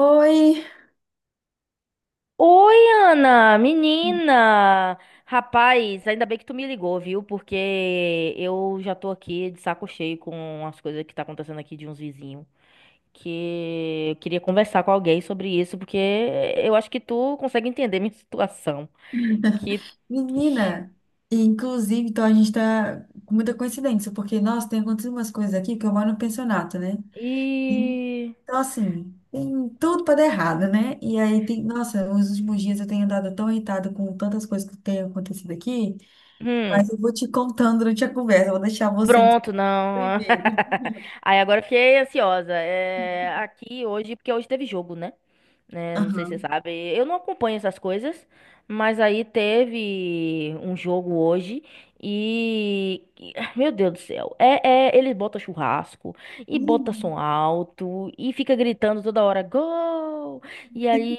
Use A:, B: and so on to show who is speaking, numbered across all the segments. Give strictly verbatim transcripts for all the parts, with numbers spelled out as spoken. A: Oi,
B: Oi, Ana, menina! Rapaz, ainda bem que tu me ligou, viu? Porque eu já tô aqui de saco cheio com as coisas que tá acontecendo aqui de uns vizinhos. Que eu queria conversar com alguém sobre isso, porque eu acho que tu consegue entender minha situação. Que.
A: menina! E, inclusive, então a gente tá com muita coincidência, porque, nossa, tem acontecido umas coisas aqui que eu moro no pensionato, né? Uhum.
B: E.
A: Então, assim, tem tudo pra dar errado, né? E aí, tem, nossa, nos últimos dias eu tenho andado tão irritada com tantas coisas que têm acontecido aqui,
B: Hum.
A: mas eu vou te contando durante a conversa, eu vou deixar você dizer
B: Pronto, não.
A: primeiro.
B: Aí agora eu fiquei ansiosa. É, aqui hoje, porque hoje teve jogo, né? Né, não sei se
A: Aham.
B: você sabe. Eu não acompanho essas coisas, mas aí teve um jogo hoje. E. e- ah, meu Deus do céu. É, é, eles botam churrasco e botam som
A: Hum.
B: alto e fica gritando toda hora, gol! E aí.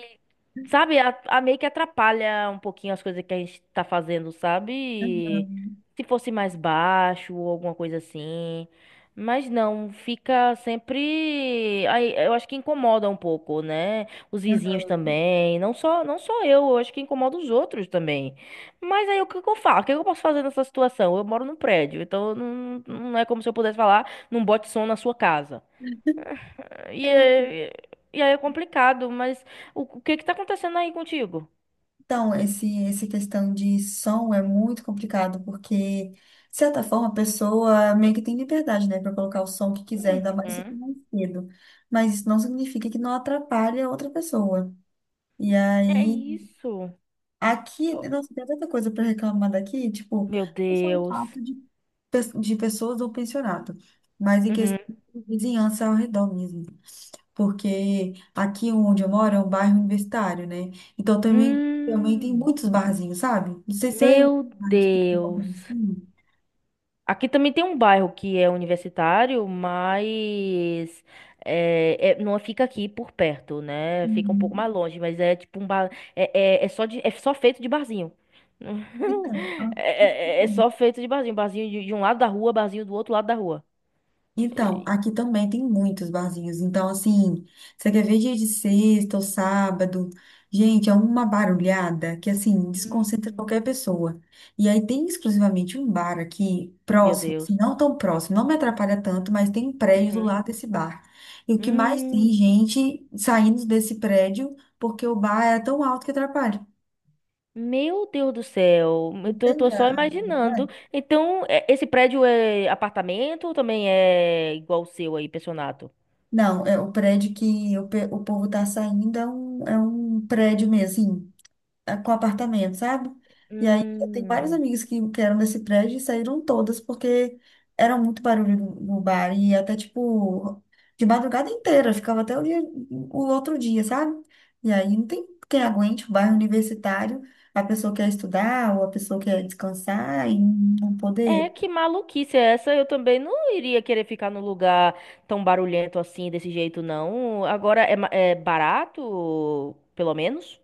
B: Sabe, a, a meio que atrapalha um pouquinho as coisas que a gente tá fazendo, sabe?
A: Aham.
B: Se fosse mais baixo ou alguma coisa assim. Mas não, fica sempre. Aí, eu acho que incomoda um pouco, né? Os vizinhos
A: Aham.
B: também. Não só, não só eu, eu acho que incomoda os outros também. Mas aí o que que eu faço? O que que eu posso fazer nessa situação? Eu moro num prédio, então não, não é como se eu pudesse falar, não bote som na sua casa. E,
A: É,
B: é- e aí é complicado, mas o, o que que tá acontecendo aí contigo?
A: Então, esse, essa questão de som é muito complicado, porque, de certa forma, a pessoa meio que tem liberdade, né, para colocar o som que quiser, ainda mais se for
B: Uhum.
A: mais cedo. Mas isso não significa que não atrapalhe a outra pessoa. E
B: É
A: aí,
B: isso.
A: aqui,
B: Oh,
A: nossa, tem tanta coisa para reclamar daqui, tipo,
B: meu
A: não só o
B: Deus.
A: fato de, pe- de pessoas do pensionato, mas em
B: Uhum.
A: questão de vizinhança ao redor mesmo, porque aqui onde eu moro é um bairro universitário, né? Então também, também tem
B: Hum,
A: muitos barzinhos, sabe? Não sei se é aí
B: meu
A: na tem alguma
B: Deus.
A: coisa assim.
B: Aqui também tem um bairro que é universitário, mas é, é- não fica aqui por perto, né? Fica um pouco
A: Uhum.
B: mais longe, mas é tipo um bar. É, é, é só de- é só feito de barzinho.
A: Então, aqui.
B: É, é- é só feito de barzinho. Barzinho de, de um lado da rua, barzinho do outro lado da rua.
A: Então,
B: E-
A: aqui também tem muitos barzinhos. Então, assim, você quer ver dia de sexta ou sábado? Gente, é uma barulhada que, assim, desconcentra
B: Hum.
A: qualquer pessoa. E aí tem exclusivamente um bar aqui,
B: Meu
A: próximo, assim,
B: Deus.
A: não tão próximo, não me atrapalha tanto, mas tem um prédio do
B: Uhum.
A: lado desse bar. E o que mais tem
B: Hum.
A: gente saindo desse prédio porque o bar é tão alto que atrapalha.
B: Meu Deus do céu, eu tô, tô
A: Entende a
B: só
A: a
B: imaginando.
A: verdade?
B: Então, é- esse prédio é apartamento ou também é igual o seu aí, pensionato?
A: Não, é o prédio que o, pe- o povo tá saindo, é um, é um prédio mesmo, assim. a- com apartamento, sabe? E aí eu tenho vários
B: Hum,
A: amigos que, que eram desse prédio e saíram todas porque era muito barulho no, no bar e até tipo de madrugada inteira, ficava até o dia, o outro dia, sabe? E aí não tem quem aguente o bairro universitário, a pessoa quer estudar ou a pessoa quer descansar e não
B: É,
A: poder.
B: que maluquice é essa? Eu também não iria querer ficar num lugar tão barulhento assim, desse jeito, não. Agora, é, ma- é barato, pelo menos?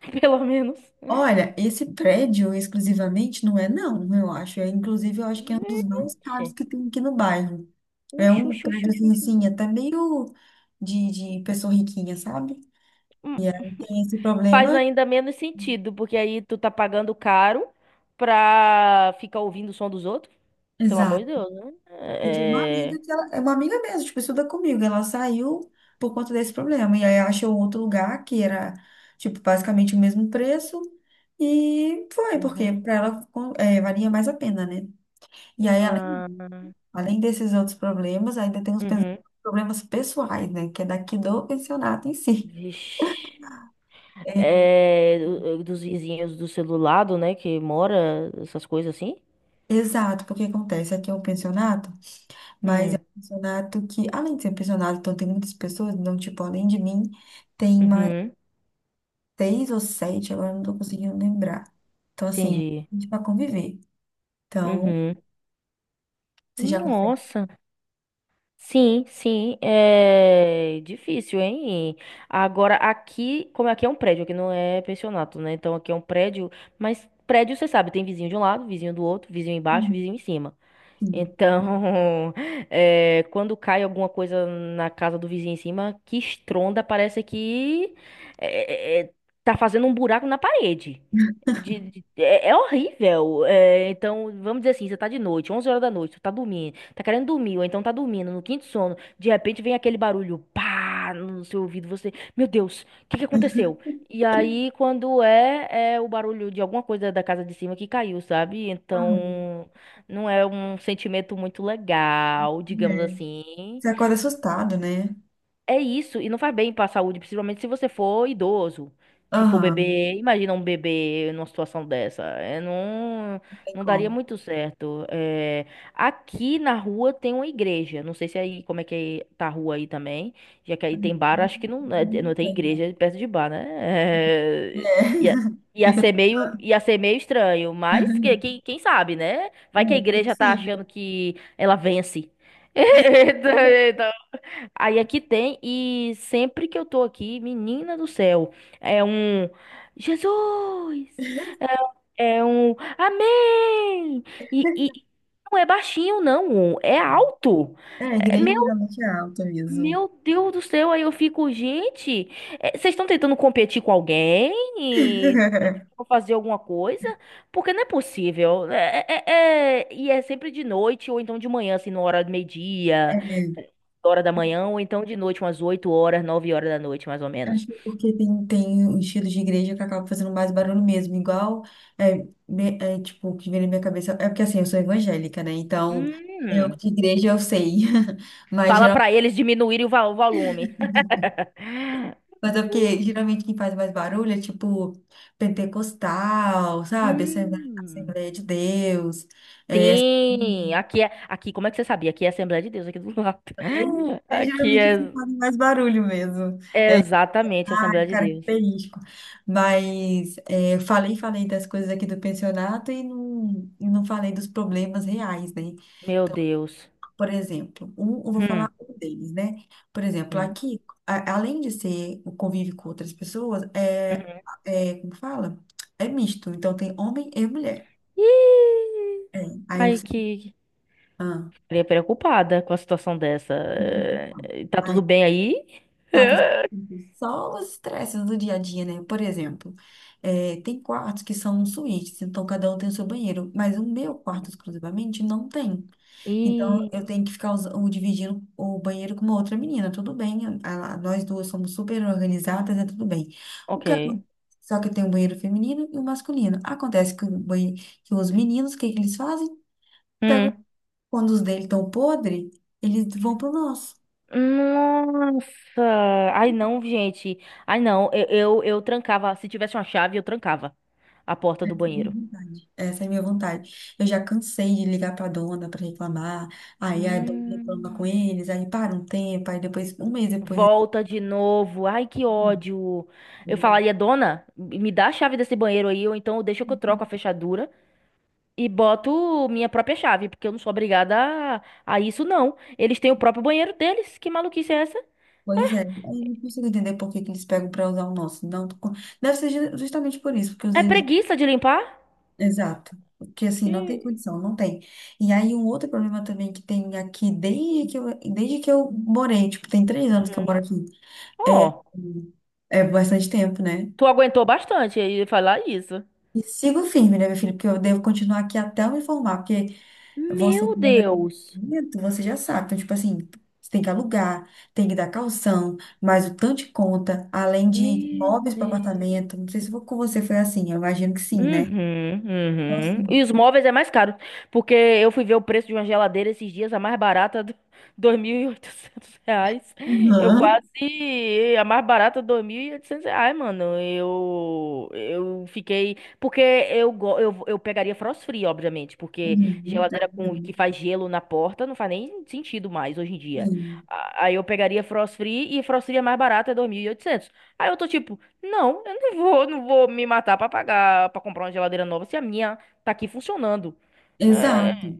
B: Pelo menos.
A: Olha, esse prédio exclusivamente não é não, eu acho. É, inclusive, eu acho que é um dos mais caros
B: Gente,
A: que tem aqui no bairro. É
B: uxi,
A: um
B: uxi, uxi,
A: prédio
B: uxi,
A: assim,
B: uxi.
A: assim, até meio de, de pessoa riquinha, sabe? Tem esse
B: Faz
A: problema.
B: ainda menos sentido, porque aí tu tá pagando caro pra ficar ouvindo o som dos outros. Pelo amor
A: Exato.
B: de Deus, né?
A: Eu tive uma
B: É...
A: amiga que ela é uma amiga mesmo, tipo, estuda comigo. Ela saiu por conta desse problema. E aí achou outro lugar que era, tipo, basicamente o mesmo preço. E foi, porque
B: Uhum.
A: para ela com- é, valia mais a pena, né? E aí, além,
B: Hum,
A: além desses outros problemas, ainda tem os pe-
B: uhum.
A: problemas pessoais, né? Que é daqui do pensionato em si.
B: Vixe.
A: É,
B: É... do- Dos vizinhos do celular, do, né? Que mora, essas coisas assim.
A: exato, porque acontece aqui é um pensionato. Mas é
B: Hum.
A: um pensionato que, além de ser um pensionato, então tem muitas pessoas, então, tipo, além de mim, tem mais
B: Uhum.
A: seis ou sete, agora eu não tô conseguindo lembrar. Então, assim,
B: Entendi.
A: a gente pra conviver. Então,
B: Uhum.
A: você já consegue.
B: Nossa. Sim, sim, é difícil, hein? Agora, aqui, como aqui é um prédio, aqui não é pensionato, né? Então, aqui é um prédio, mas prédio, você sabe, tem vizinho de um lado, vizinho do outro, vizinho embaixo,
A: Uhum,
B: vizinho em cima.
A: sim.
B: Então, é, quando cai alguma coisa na casa do vizinho em cima, que estronda, parece que é, é, é, tá fazendo um buraco na parede. De- de- é, é horrível. É, então, vamos dizer assim, você tá de noite, onze horas da noite, você tá dormindo, tá querendo dormir, ou então tá dormindo, no quinto sono, de repente vem aquele barulho, pá, no seu ouvido, você, meu Deus, o que que aconteceu? E aí, quando é, é o barulho de alguma coisa da casa de cima que caiu, sabe?
A: Aham,
B: Então. Não é um sentimento muito legal, digamos
A: é.
B: assim.
A: Você acorda assustado, né?
B: É isso, e não faz bem pra saúde, principalmente se você for idoso. Se for
A: Aham,
B: bebê, imagina um bebê numa situação dessa. É, não,
A: não tem
B: não daria
A: como.
B: muito certo. É, aqui na rua tem uma igreja. Não sei se aí como é que tá a rua aí também. Já que aí tem bar,
A: Não
B: acho que não, é, não tem
A: tem, não.
B: igreja perto de bar, né?
A: É,
B: É, ia, ia
A: fica.
B: ser meio, ia ser meio estranho, mas que,
A: Aham,
B: que- quem sabe, né?
A: é,
B: Vai que a
A: tudo
B: igreja tá achando
A: possível.
B: que ela vence. Aí aqui tem, e sempre que eu tô aqui, menina do céu, é um Jesus, é é um Amém! E, e não é baixinho, não, um, é alto.
A: É, a
B: É,
A: igreja
B: Meu,
A: geralmente é alta mesmo.
B: meu Deus do céu, aí eu fico, gente, é, vocês estão tentando competir com alguém? Vou fazer alguma coisa, porque não é possível. Né? É, é- é- e é sempre de noite, ou então de manhã, assim, na hora do meio-dia,
A: É,
B: hora da manhã, ou então de noite, umas oito horas, nove horas da noite, mais ou
A: acho
B: menos.
A: que porque tem, tem um estilo de igreja que acaba fazendo mais barulho mesmo, igual é, me- é, tipo, o que vem na minha cabeça. É porque assim, eu sou evangélica, né? Então, eu
B: Hum,
A: de igreja eu sei. Mas
B: fala
A: geralmente,
B: pra eles diminuírem o va- o volume.
A: mas é porque geralmente quem faz mais barulho é tipo pentecostal, sabe? Assembleia,
B: Hum.
A: Assembleia de Deus. É,
B: Sim, aqui é, aqui, como é que você sabia? Aqui é Assembleia de Deus, aqui do lado.
A: é
B: Aqui
A: geralmente assim que
B: é,
A: fazem mais barulho mesmo.
B: é exatamente a Assembleia de Deus.
A: Característico. Mas é, eu falei, falei das coisas aqui do pensionato e não, e não falei dos problemas reais, né?
B: Meu Deus.
A: Por exemplo, um, eu vou
B: Hum,
A: falar um deles, né? Por exemplo,
B: hum,
A: aqui, a- além de ser o convívio com outras pessoas, é,
B: hum.
A: é, como fala? É misto. Então, tem homem e mulher.
B: Ih,
A: É, aí
B: ai,
A: você...
B: que,
A: Ah.
B: ficaria preocupada com a situação dessa.
A: Uhum.
B: Eh, Tá tudo bem aí?
A: datas só os estresses do dia a dia, né? Por exemplo, eh, tem quartos que são suítes, então cada um tem o seu banheiro, mas o meu quarto exclusivamente não tem. Então eu
B: E.
A: tenho que ficar usa- o- dividindo o banheiro com uma outra menina. Tudo bem, a- a- nós duas somos super organizadas, é tudo bem. O
B: Ok.
A: que acon- Só que tem um banheiro feminino e um masculino. Acontece que, o banhe- que os meninos, o que que eles fazem?
B: Hum.
A: Quando os dele estão podre, eles vão pro nosso.
B: Nossa! Ai não, gente. Ai não, eu, eu, eu trancava. Se tivesse uma chave, eu trancava a porta
A: Essa
B: do
A: é a minha
B: banheiro.
A: vontade. Essa é a minha vontade. Eu já cansei de ligar para a dona para reclamar. Aí a dona reclama com
B: Hum.
A: eles, aí para um tempo, aí depois, um mês depois, eles,
B: Volta de novo. Ai, que
A: "Hum,
B: ódio. Eu
A: legal."
B: falaria, dona, me dá a chave desse banheiro aí, ou então deixa que eu troco a fechadura. E boto minha própria chave, porque eu não sou obrigada a, a isso, não. Eles têm o próprio banheiro deles. Que maluquice é essa?
A: Pois é, aí eu não consigo entender por que que eles pegam para usar o nosso. Não, tô com- deve ser ju- justamente por isso, porque os
B: É
A: eles.
B: preguiça de limpar?
A: Exato. Porque assim, não tem
B: Que.
A: condição, não tem. E aí um outro problema também que tem aqui, desde que eu, desde que eu morei, tipo, tem três anos que eu
B: Uhum.
A: moro aqui. É,
B: Ó,
A: é bastante tempo, né?
B: tu aguentou bastante aí falar isso.
A: E sigo firme, né, meu filho? Porque eu devo continuar aqui até eu me formar, porque você
B: Meu
A: que mora no
B: Deus.
A: apartamento, você já sabe. Então, tipo assim, você tem que alugar, tem que dar calção, mais o tanto de conta, além de
B: Meu
A: móveis para
B: Deus.
A: apartamento. Não sei se com você foi assim, eu imagino que sim, né?
B: Uhum,
A: Então,
B: uhum. E
A: assim.
B: os móveis é mais caro, porque eu fui ver o preço de uma geladeira esses dias, a mais barata, do- dois mil e oitocentos reais. Eu
A: Uhum.
B: quase, a mais barata, dois mil e oitocentos reais, mano. Eu, eu fiquei, porque eu, go- eu, eu pegaria frost free, obviamente, porque
A: Uhum. Tá
B: geladeira com, que
A: vendo?
B: faz gelo na porta não faz nem sentido mais hoje em dia.
A: Sim.
B: A- Aí eu pegaria frost free e frost free é mais barata, é dois mil e oitocentos. Aí eu tô tipo, não, eu não vou, não vou me matar pra pagar, pra comprar uma geladeira nova se a minha tá aqui funcionando.
A: Exato,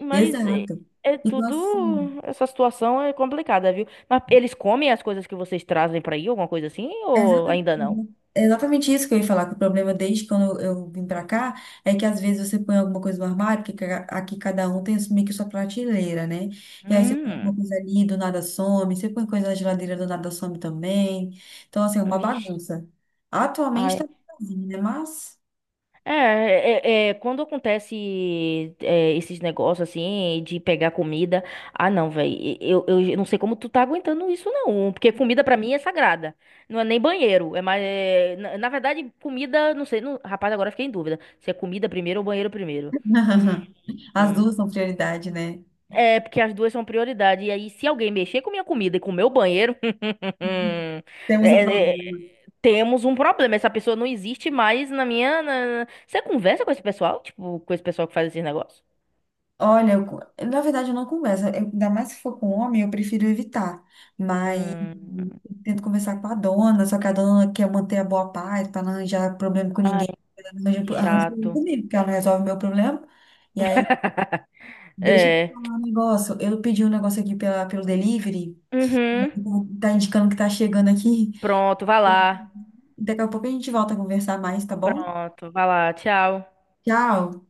B: Mas é,
A: exato.
B: é
A: Então,
B: tudo.
A: assim.
B: Essa situação é complicada, viu? Mas eles comem as coisas que vocês trazem pra aí, alguma coisa assim,
A: É exata-
B: ou ainda não?
A: uhum. É exatamente isso que eu ia falar, que o problema desde quando eu, eu vim pra cá é que às vezes você põe alguma coisa no armário, porque ca- aqui cada um tem meio que sua prateleira, né? E aí você põe alguma
B: Hum,
A: coisa ali, do nada some, você põe coisa na geladeira, do nada some também. Então, assim, é uma
B: vixe.
A: bagunça. Atualmente tá sozinho, né? Mas
B: É, é, é, quando acontece é, esses negócios assim de pegar comida, ah não, velho, eu, eu não sei como tu tá aguentando isso não, porque comida pra mim é sagrada, não é nem banheiro, é mais, é, na, na verdade comida, não sei, não, rapaz, agora eu fiquei em dúvida, se é comida primeiro ou banheiro primeiro. Hum.
A: as
B: Hum.
A: duas são prioridade, né?
B: É, porque as duas são prioridade. E aí, se alguém mexer com minha comida e com o meu banheiro,
A: Uhum. Temos um
B: é, é,
A: problema.
B: temos um problema. Essa pessoa não existe mais na minha. na- Você conversa com esse pessoal? Tipo, com esse pessoal que faz esses negócios?
A: Olha, eu co- na verdade eu não converso, Eu- ainda mais se for com homem, eu prefiro evitar. Mas
B: Hum.
A: eu tento conversar com a dona, só que a dona quer manter a boa paz para não arranjar problema com
B: Ai,
A: ninguém. Ela não Arranja
B: que
A: pro- arranja problema
B: chato.
A: comigo, porque ela não resolve meu problema. E aí, deixa eu te
B: É.
A: falar um negócio. Eu pedi um negócio aqui pela, pelo delivery,
B: Uhum.
A: tá indicando que tá chegando aqui.
B: Pronto, vai lá.
A: Daqui a pouco a gente volta a conversar mais, tá bom?
B: Pronto, vai lá. Tchau.
A: Tchau!